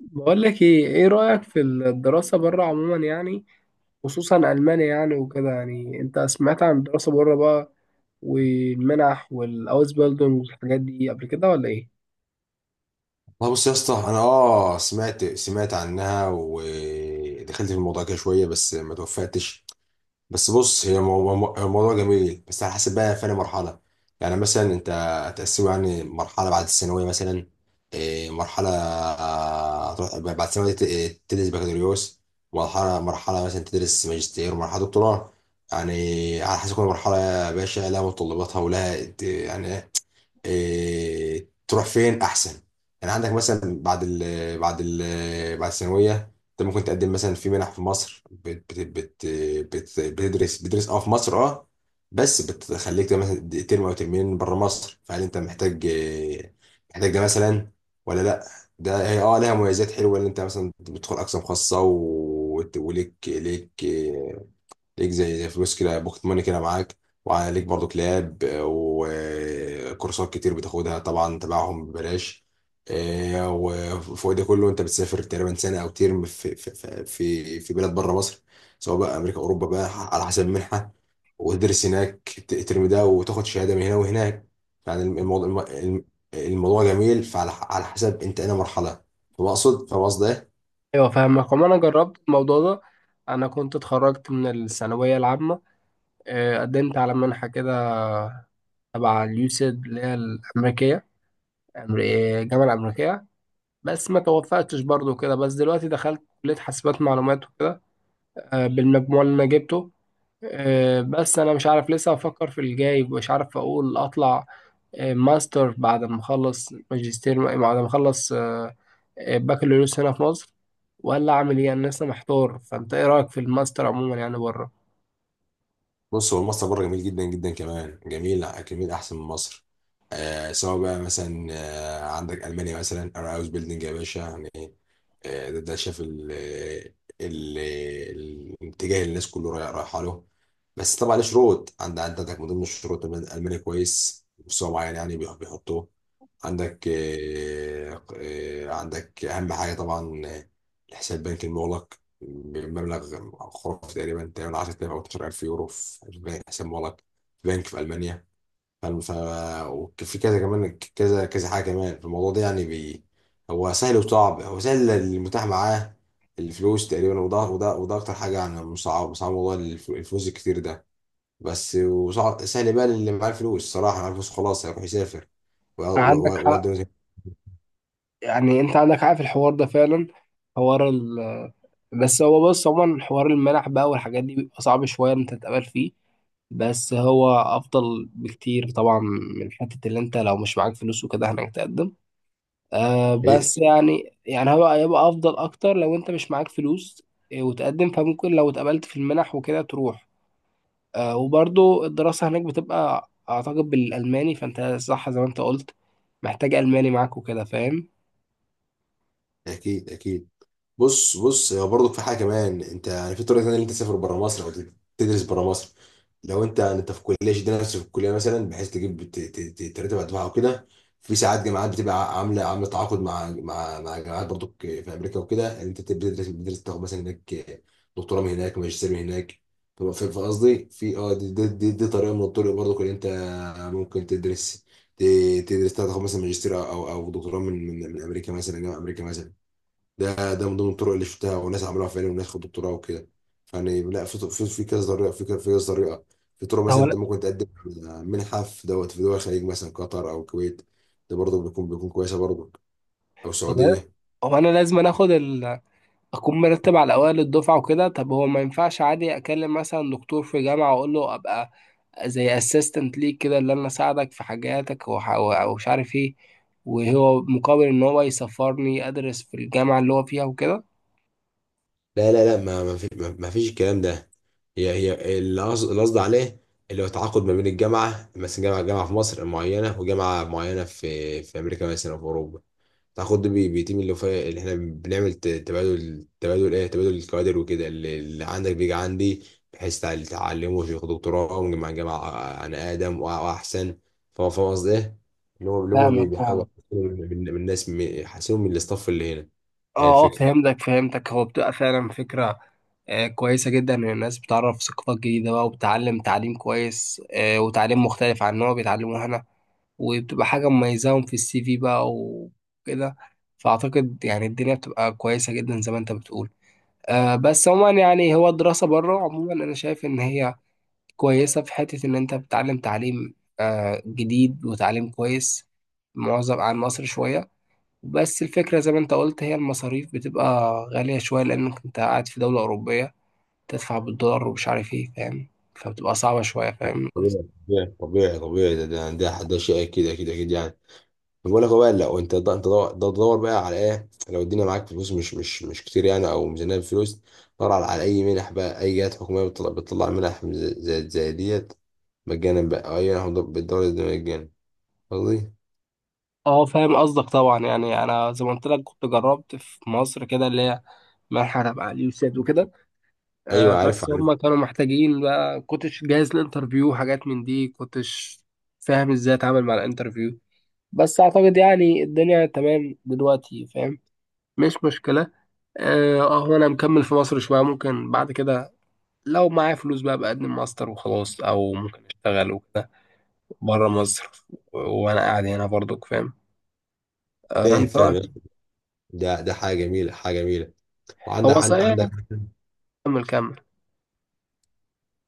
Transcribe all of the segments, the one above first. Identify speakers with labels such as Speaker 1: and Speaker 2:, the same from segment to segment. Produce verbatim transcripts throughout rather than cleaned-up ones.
Speaker 1: بقول لك ايه ايه رأيك في الدراسة بره عموما يعني، خصوصا ألمانيا يعني وكده. يعني انت سمعت عن الدراسة بره بقى والمنح والاوزبيلدونج والحاجات دي قبل كده ولا ايه؟
Speaker 2: والله، بص يا اسطى، انا اه سمعت سمعت عنها ودخلت في الموضوع كده شويه، بس ما توفقتش. بس بص، هي مو- مو- الموضوع جميل، بس على حسب بقى فين مرحله. يعني مثلا انت هتقسمه يعني مرحله بعد الثانويه مثلا. إيه، مرحله، آه، هتروح بعد الثانويه ت- إيه، تدرس بكالوريوس. مرحله مرحله مثلا تدرس ماجستير، ومرحله دكتوراه. يعني على حسب كل مرحله يا باشا لها متطلباتها، ولها إيه، يعني إيه، تروح فين احسن. يعني عندك مثلا بعد ال بعد ال بعد الثانويه، انت ممكن تقدم مثلا في منح في مصر. بت بت بت بت بتدرس بتدرس اه في مصر. اه بس بتخليك ده مثلا ترم او ترمين بره مصر، فهل انت محتاج إيه، محتاج ده مثلا ولا لا؟ ده هي اه لها مميزات حلوه، ان انت مثلا بتدخل اقسام خاصه، و- وت- وليك ليك ليك زي زي فلوس كده، بوكت ماني كده معاك. وعليك برضو لاب، آه، وكورسات كتير بتاخدها طبعا تبعهم ببلاش. آه، وفوق ده كله، انت بتسافر تقريبا سنه او ترم في في في في بلاد بره مصر، سواء بقى امريكا، اوروبا بقى، على حسب المنحه. وتدرس هناك الترم ده، وتاخد شهاده من هنا وهناك. يعني الموضوع الموضوع جميل، فعلى على حسب انت انا مرحله. فبقصد، فاهم قصدي إيه؟
Speaker 1: ايوه فاهمك. وما انا جربت الموضوع ده. انا كنت اتخرجت من الثانوية العامة، آه، قدمت على منحة كده تبع اليوسيد اللي هي الأمريكية. أمر- آه، الجامعة الأمريكية، بس ما توفقتش برضو كده. بس دلوقتي دخلت كلية حاسبات معلومات وكده، آه، بالمجموع اللي انا جبته. آه، بس انا مش عارف، لسه افكر في الجاي. مش عارف اقول اطلع آه، ماستر بعد ما اخلص، ماجستير بعد ما اخلص آه، آه، بكالوريوس هنا في مصر، ولا اعمل ايه. انا لسه محتار. فانت ايه رايك في الماستر عموما يعني بره؟
Speaker 2: بص، هو مصر بره جميل جدا جدا، كمان جميل جميل احسن من مصر. آه سواء بقى مثلا، آه عندك المانيا مثلا. انا هاوس بيلدينج يا باشا يعني. آه ده, ده شاف ال آه، ال الاتجاه اللي الناس كله رايح- رايحه له. بس طبعا له شروط، عند عندك من ضمن الشروط إن المانيا كويس، مستوى معين يعني بيح- بيحطوه عندك. آه، آه، عندك أهم حاجة طبعا، آه، الحساب البنكي المغلق بمبلغ خرافي، تقريبا تقريبا عشرة آلاف أو اثنا عشر ألف يورو في بنك- حساب مغلق في بنك في ألمانيا. فالم- ف وفي كذا كمان كذا كذا حاجة كمان في الموضوع ده، يعني بي هو سهل وصعب. هو سهل اللي متاح معاه الفلوس تقريبا، وده وده وده أكتر حاجة، يعني مصعب مصعب موضوع الف- الفلوس الكتير ده. بس وصعب. سهل بقى اللي معاه الفلوس، صراحة معاه الفلوس خلاص هيروح يسافر.
Speaker 1: عندك حق. يعني انت عندك، عارف الحوار ده فعلا، حوار ال... بس هو بص، عموما حوار المنح بقى والحاجات دي بيبقى صعب شوية إن انت تتقبل فيه، بس هو افضل بكتير طبعا من حتة اللي انت لو مش معاك فلوس وكده هناك تقدم. آه
Speaker 2: هي
Speaker 1: بس يعني يعني هو هيبقى افضل اكتر لو انت مش معاك فلوس آه، وتقدم. فممكن لو اتقبلت في المنح وكده تروح. آه وبرضو الدراسة هناك بتبقى اعتقد بالالماني، فانت صح زي ما انت قلت، محتاج الماني معاك وكده، فاهم.
Speaker 2: اكيد اكيد. بص بص هو برضه في حاجه كمان. انت يعني في طريقه ثانيه اللي انت تسافر بره مصر او تدرس بره مصر. لو انت انت في كليه، شد نفسك في الكليه مثلا بحيث تجيب ت- ت- ت- ترتب على الدفعه وكده. في ساعات جامعات بتبقى عامله عامله تعاقد مع مع مع جامعات برضو في امريكا وكده، ان انت بتدرس بتدرس تاخد مثلا هناك دكتوراه من هناك، ماجستير من هناك. فبقى- في في قصدي في اه دي, دي, دي, دي طريقه من الطرق برضو، ان انت ممكن تدرس ت- تدرس تاخد مثلا ماجستير او او أو دكتوراه من من من امريكا مثلا، جامعه امريكا مثلا. ده ده من ضمن الطرق اللي شفتها، وناس عملوها فعلا، وناس خدوا دكتوراه وكده. فيعني لا، في في في كذا طريقه، في كذا في كذا طريقه. في طرق مثلا
Speaker 1: هو
Speaker 2: انت ممكن تقدم على منحه، في دوت في دول الخليج مثلا، قطر او الكويت. ده برضه بيكون بيكون كويسه برضه، او
Speaker 1: هو
Speaker 2: السعوديه.
Speaker 1: هو انا لازم أنا اخد ال... اكون مرتب على اوائل الدفعه وكده. طب هو ما ينفعش عادي اكلم مثلا دكتور في جامعه واقول له ابقى زي اسيستنت ليك كده، اللي انا اساعدك في حاجاتك وح... ومش عارف ايه، وهو مقابل ان هو يسفرني ادرس في الجامعه اللي هو فيها وكده؟
Speaker 2: لا لا لا، ما ما في، ما ما فيش الكلام ده. هي هي اللي قصد اللي قصدي عليه، اللي هو تعاقد ما بين الجامعه، مثلا جامعه جامعه في مصر معينه، وجامعه معينه في في امريكا مثلا او في اوروبا، تاخد بي- بتيم اللي فيه، اللي احنا بنعمل ت- تبادل، تبادل ايه، تبادل الكوادر وكده. اللي, اللي عندك بيجي عندي، بحيث تع- تعلمه ياخد دكتوراه من مع جامعة، آه، عن آدم وأ- وأحسن. فهو، فاهم قصدي ايه؟ اللي هو اللي هو بي-
Speaker 1: فاهمك
Speaker 2: بيحاول
Speaker 1: فاهمك
Speaker 2: يحسنوا من من- من الناس، م- يحسنوا من الاستاف اللي هنا. هي
Speaker 1: اه اه
Speaker 2: الفكرة.
Speaker 1: فهمتك فهمتك هو بتبقى فعلا فكره آه، كويسه جدا، ان الناس بتعرف ثقافات جديده بقى وبتعلم تعليم كويس آه، وتعليم مختلف عن اللي هو بيتعلموه هنا، وبتبقى حاجة مميزاهم في السي في بقى وكده. فأعتقد يعني الدنيا بتبقى كويسة جدا زي ما أنت بتقول. أه بس عموما يعني هو الدراسة بره عموما أنا شايف إن هي كويسة في حتة إن أنت بتتعلم تعليم أه جديد وتعليم كويس معظم عن مصر شوية. بس الفكرة زي ما أنت قلت، هي المصاريف بتبقى غالية شوية، لأنك أنت قاعد في دولة أوروبية، تدفع بالدولار ومش عارف إيه، فاهم؟ فبتبقى صعبة شوية، فاهم.
Speaker 2: طبيعي طبيعي طبيعي، ده ده ده, ده شيء أكيد أكيد أكيد يعني. بقول لك، هو بقى لو انت ده، انت ده ده تدور بقى على ايه. لو الدنيا معاك فلوس مش مش مش كتير يعني، او ميزانيه فلوس، دور على, على اي منح بقى، اي جهات حكوميه بتطلع, بتطلع منح زي, زي, زي ديت مجانا بقى، او اي منح بالدوله دي مجانا، قصدي.
Speaker 1: اه فاهم قصدك طبعا. يعني انا زي ما قلت لك كنت جربت في مصر كده، اللي هي مرحله علي علي وسيد وكده،
Speaker 2: ايوه
Speaker 1: آه
Speaker 2: عارف
Speaker 1: بس
Speaker 2: عارف.
Speaker 1: هم كانوا محتاجين بقى، كنتش جاهز للانترفيو، حاجات من دي. كنتش فاهم ازاي اتعامل مع الانترفيو. بس اعتقد يعني الدنيا تمام دلوقتي، فاهم، مش مشكله. اه آه، هو انا مكمل في مصر شويه. ممكن بعد كده لو معايا فلوس بقى بقدم ماستر وخلاص، او ممكن اشتغل وكده بره مصر، و- وانا قاعد هنا برضك، فاهم. آه
Speaker 2: فاهم
Speaker 1: انت
Speaker 2: فاهم
Speaker 1: رايك
Speaker 2: يا
Speaker 1: إيه؟
Speaker 2: أخي. ده ده حاجه جميله حاجه جميله. وعندك
Speaker 1: هو
Speaker 2: عن- عندك
Speaker 1: صحيح. كمل كمل.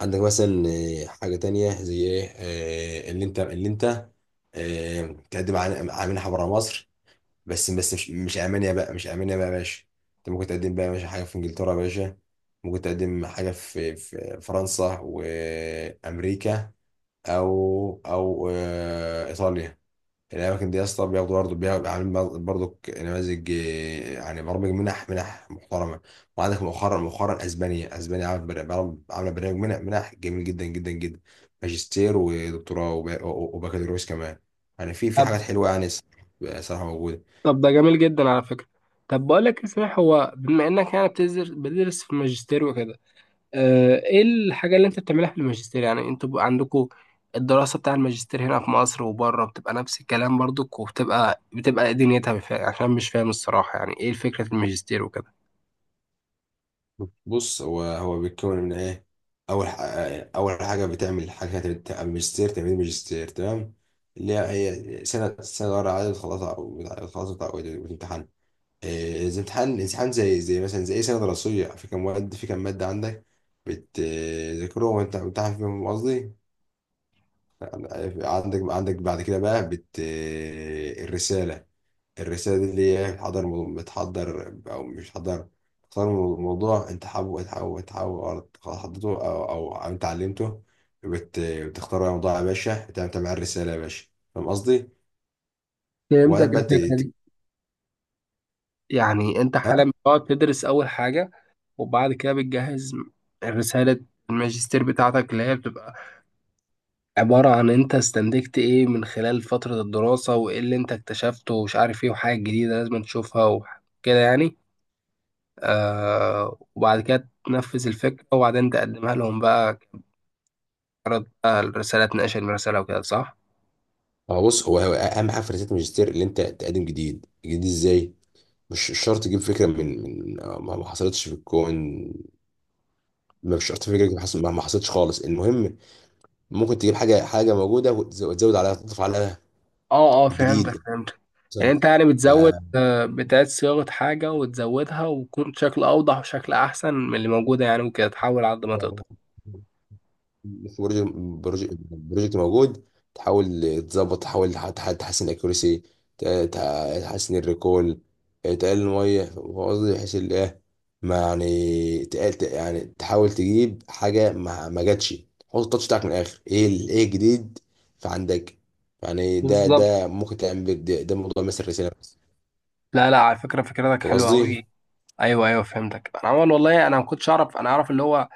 Speaker 2: عندك مثلا، آه، حاجه تانية زي ايه، آه، اللي انت اللي انت آه، تقدم على على منحه بره مصر، بس بس مش مش المانيا بقى. مش المانيا بقى يا باشا. انت ممكن تقدم بقى يا باشا حاجه في انجلترا يا باشا، ممكن تقدم حاجه في في فرنسا وامريكا، او او آه، ايطاليا. الاماكن دي يا اسطى بياخدوا، برضه بياخدوا عاملين برضه نماذج، آه، يعني برامج منح منح محترمه. وعندك مؤخرا مؤخرا اسبانيا اسبانيا عامله، بر- بر- عامله برنامج منح منح جميل جدا جدا جدا، ماجستير ودكتوراه وب- وبكالوريوس كمان. يعني في في
Speaker 1: طب
Speaker 2: حاجات حلوه يعني، صراحه موجوده.
Speaker 1: طب ده جميل جدا على فكرة. طب بقول لك إيه صحيح، هو بما انك يعني بتدرس بتدرس في الماجستير وكده، آه، ايه الحاجة اللي انت بتعملها في الماجستير؟ يعني انتوا بقى عندكوا الدراسة بتاع الماجستير هنا في مصر وبره بتبقى نفس الكلام برضك، وبتبقى بتبقى إيه دنيتها؟ بف- عشان مش فاهم الصراحة يعني ايه فكرة الماجستير وكده.
Speaker 2: بص، هو هو بيتكون من ايه. اول ح- اول حاجه بتعمل حاجه، تبت- ماجستير تمريض ماجستير تمام، اللي هي سنه سنه ورا عدد، خلاص او خلاص بتاع الامتحان، إيه، زي امتحان امتحان، زي زي مثلا زي اي سنه دراسيه، في كام مواد، في كام ماده عندك، بتذاكرهم وانت بتمتحن فيهم، قصدي. عندك عندك بعد كده بقى بت الرساله الرسالة دي اللي هي بتحضر مو- بتحضر، أو مش بتحضر. تختار مو- موضوع أنت حابه حابه حابه، أو حضرته، أو أو أنت علمته. بت... بتختار بقى موضوع يا باشا، بتعمل تعمل عليه الرسالة يا باشا. فاهم قصدي؟
Speaker 1: فهمتك
Speaker 2: وبعدين بقى ت...
Speaker 1: الفكرة
Speaker 2: ت-
Speaker 1: دي. يعني انت
Speaker 2: ها؟
Speaker 1: حاليا بتقعد تدرس اول حاجة، وبعد كده بتجهز رسالة الماجستير بتاعتك، اللي هي بتبقى عبارة عن انت استنتجت ايه من خلال فترة الدراسة، وايه اللي انت اكتشفته ومش عارف ايه، وحاجة جديدة لازم تشوفها وكده يعني. آه وبعد كده تنفذ الفكرة وبعدين تقدمها لهم بقى كعرض بقى الرسالة، تناقش الرسالة وكده، صح؟
Speaker 2: هو بص، هو هو أهم حاجة في رسالة الماجستير اللي أنت تقدم جديد، جديد إزاي؟ مش مش شرط تجيب فكرة من من ما ما حصلتش في الكون، ما مش شرط فكرة ما حصل- ما حصلتش خالص، المهم ممكن تجيب حاجة حاجة موجودة، وتز- وتزود عليها، تضيف عليها
Speaker 1: اه اه فهمتك
Speaker 2: جديد
Speaker 1: فهمتك يعني
Speaker 2: مثلا.
Speaker 1: انت يعني بتزود
Speaker 2: آه،
Speaker 1: آه، بتعيد صياغة حاجة وتزودها وتكون شكل أوضح وشكل أحسن من اللي موجودة يعني وكده، تحاول على قد ما تقدر.
Speaker 2: يعني في بروجكت بروجكت بروجكت موجود، تحاول تظبط، تحاول تح- تح- تحسن الاكيورسي، تحسن الريكول، تقلل الميه. فاهم قصدي؟ بحيث ال- ايه، ما يعني تقل، ت- يعني تحاول تجيب حاجه ما, ما جاتش. حط التاتش بتاعك من الاخر، ايه ال- ايه الجديد في عندك. يعني ده
Speaker 1: بالظبط.
Speaker 2: ده ممكن تعمل بيه- ده, ده موضوع مثل الرساله بس.
Speaker 1: لا لا على فكرة فكرتك
Speaker 2: فاهم
Speaker 1: حلوة أوي.
Speaker 2: قصدي؟
Speaker 1: أيوه أيوه فهمتك. أنا عمال والله أنا ما كنتش أعرف. أنا أعرف اللي هو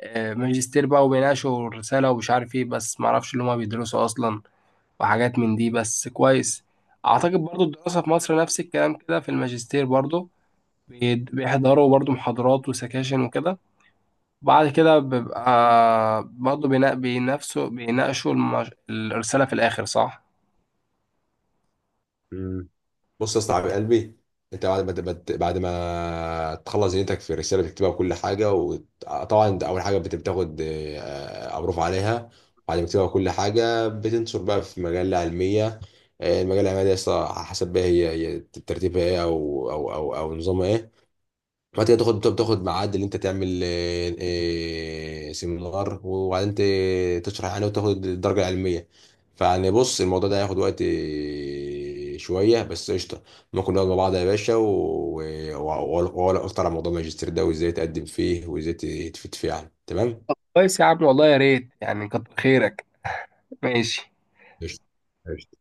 Speaker 1: آه، ماجستير بقى وبيناقشوا الرسالة ومش عارف ايه، بس معرفش اللي هما بيدرسوا أصلا وحاجات من دي، بس كويس. أعتقد برضو الدراسة في مصر نفس الكلام كده في الماجستير برضو، بيد- بيحضروا برضو محاضرات وسكاشن وكده، وبعد كده بيبقى برضو بينا- بينافسوا بيناقشوا المج... الرسالة في الآخر، صح؟
Speaker 2: مم. بص يا اسطى يا قلبي، انت بعد ما تبت- بعد ما تخلص دنيتك في الرساله، بتكتبها بكل حاجه، وطبعا انت اول حاجه بت- بتاخد آه، امروف عليها. بعد ما تكتبها كل حاجه، بتنشر بقى في مجله علميه. آه، المجله العلميه دي يا اسطى حسب بقى هي هي ترتيبها ايه، او او او او نظامها ايه. بعد كده تاخد تاخد ميعاد اللي انت تعمل آه، آه، سيمينار، وبعدين ت- تشرح يعني وتاخد الدرجه العلميه. فيعني بص، الموضوع ده هياخد وقت آه، شويه بس قشطه. ممكن نقعد مع بعض يا باشا، و- و- واقول اكتر عن موضوع الماجستير ده، وازاي تقدم فيه، وازاي تفيد فيه، يعني تمام.
Speaker 1: كويس يا عم والله، يا ريت يعني، كتر خيرك. ماشي.
Speaker 2: قشطه. قشطة.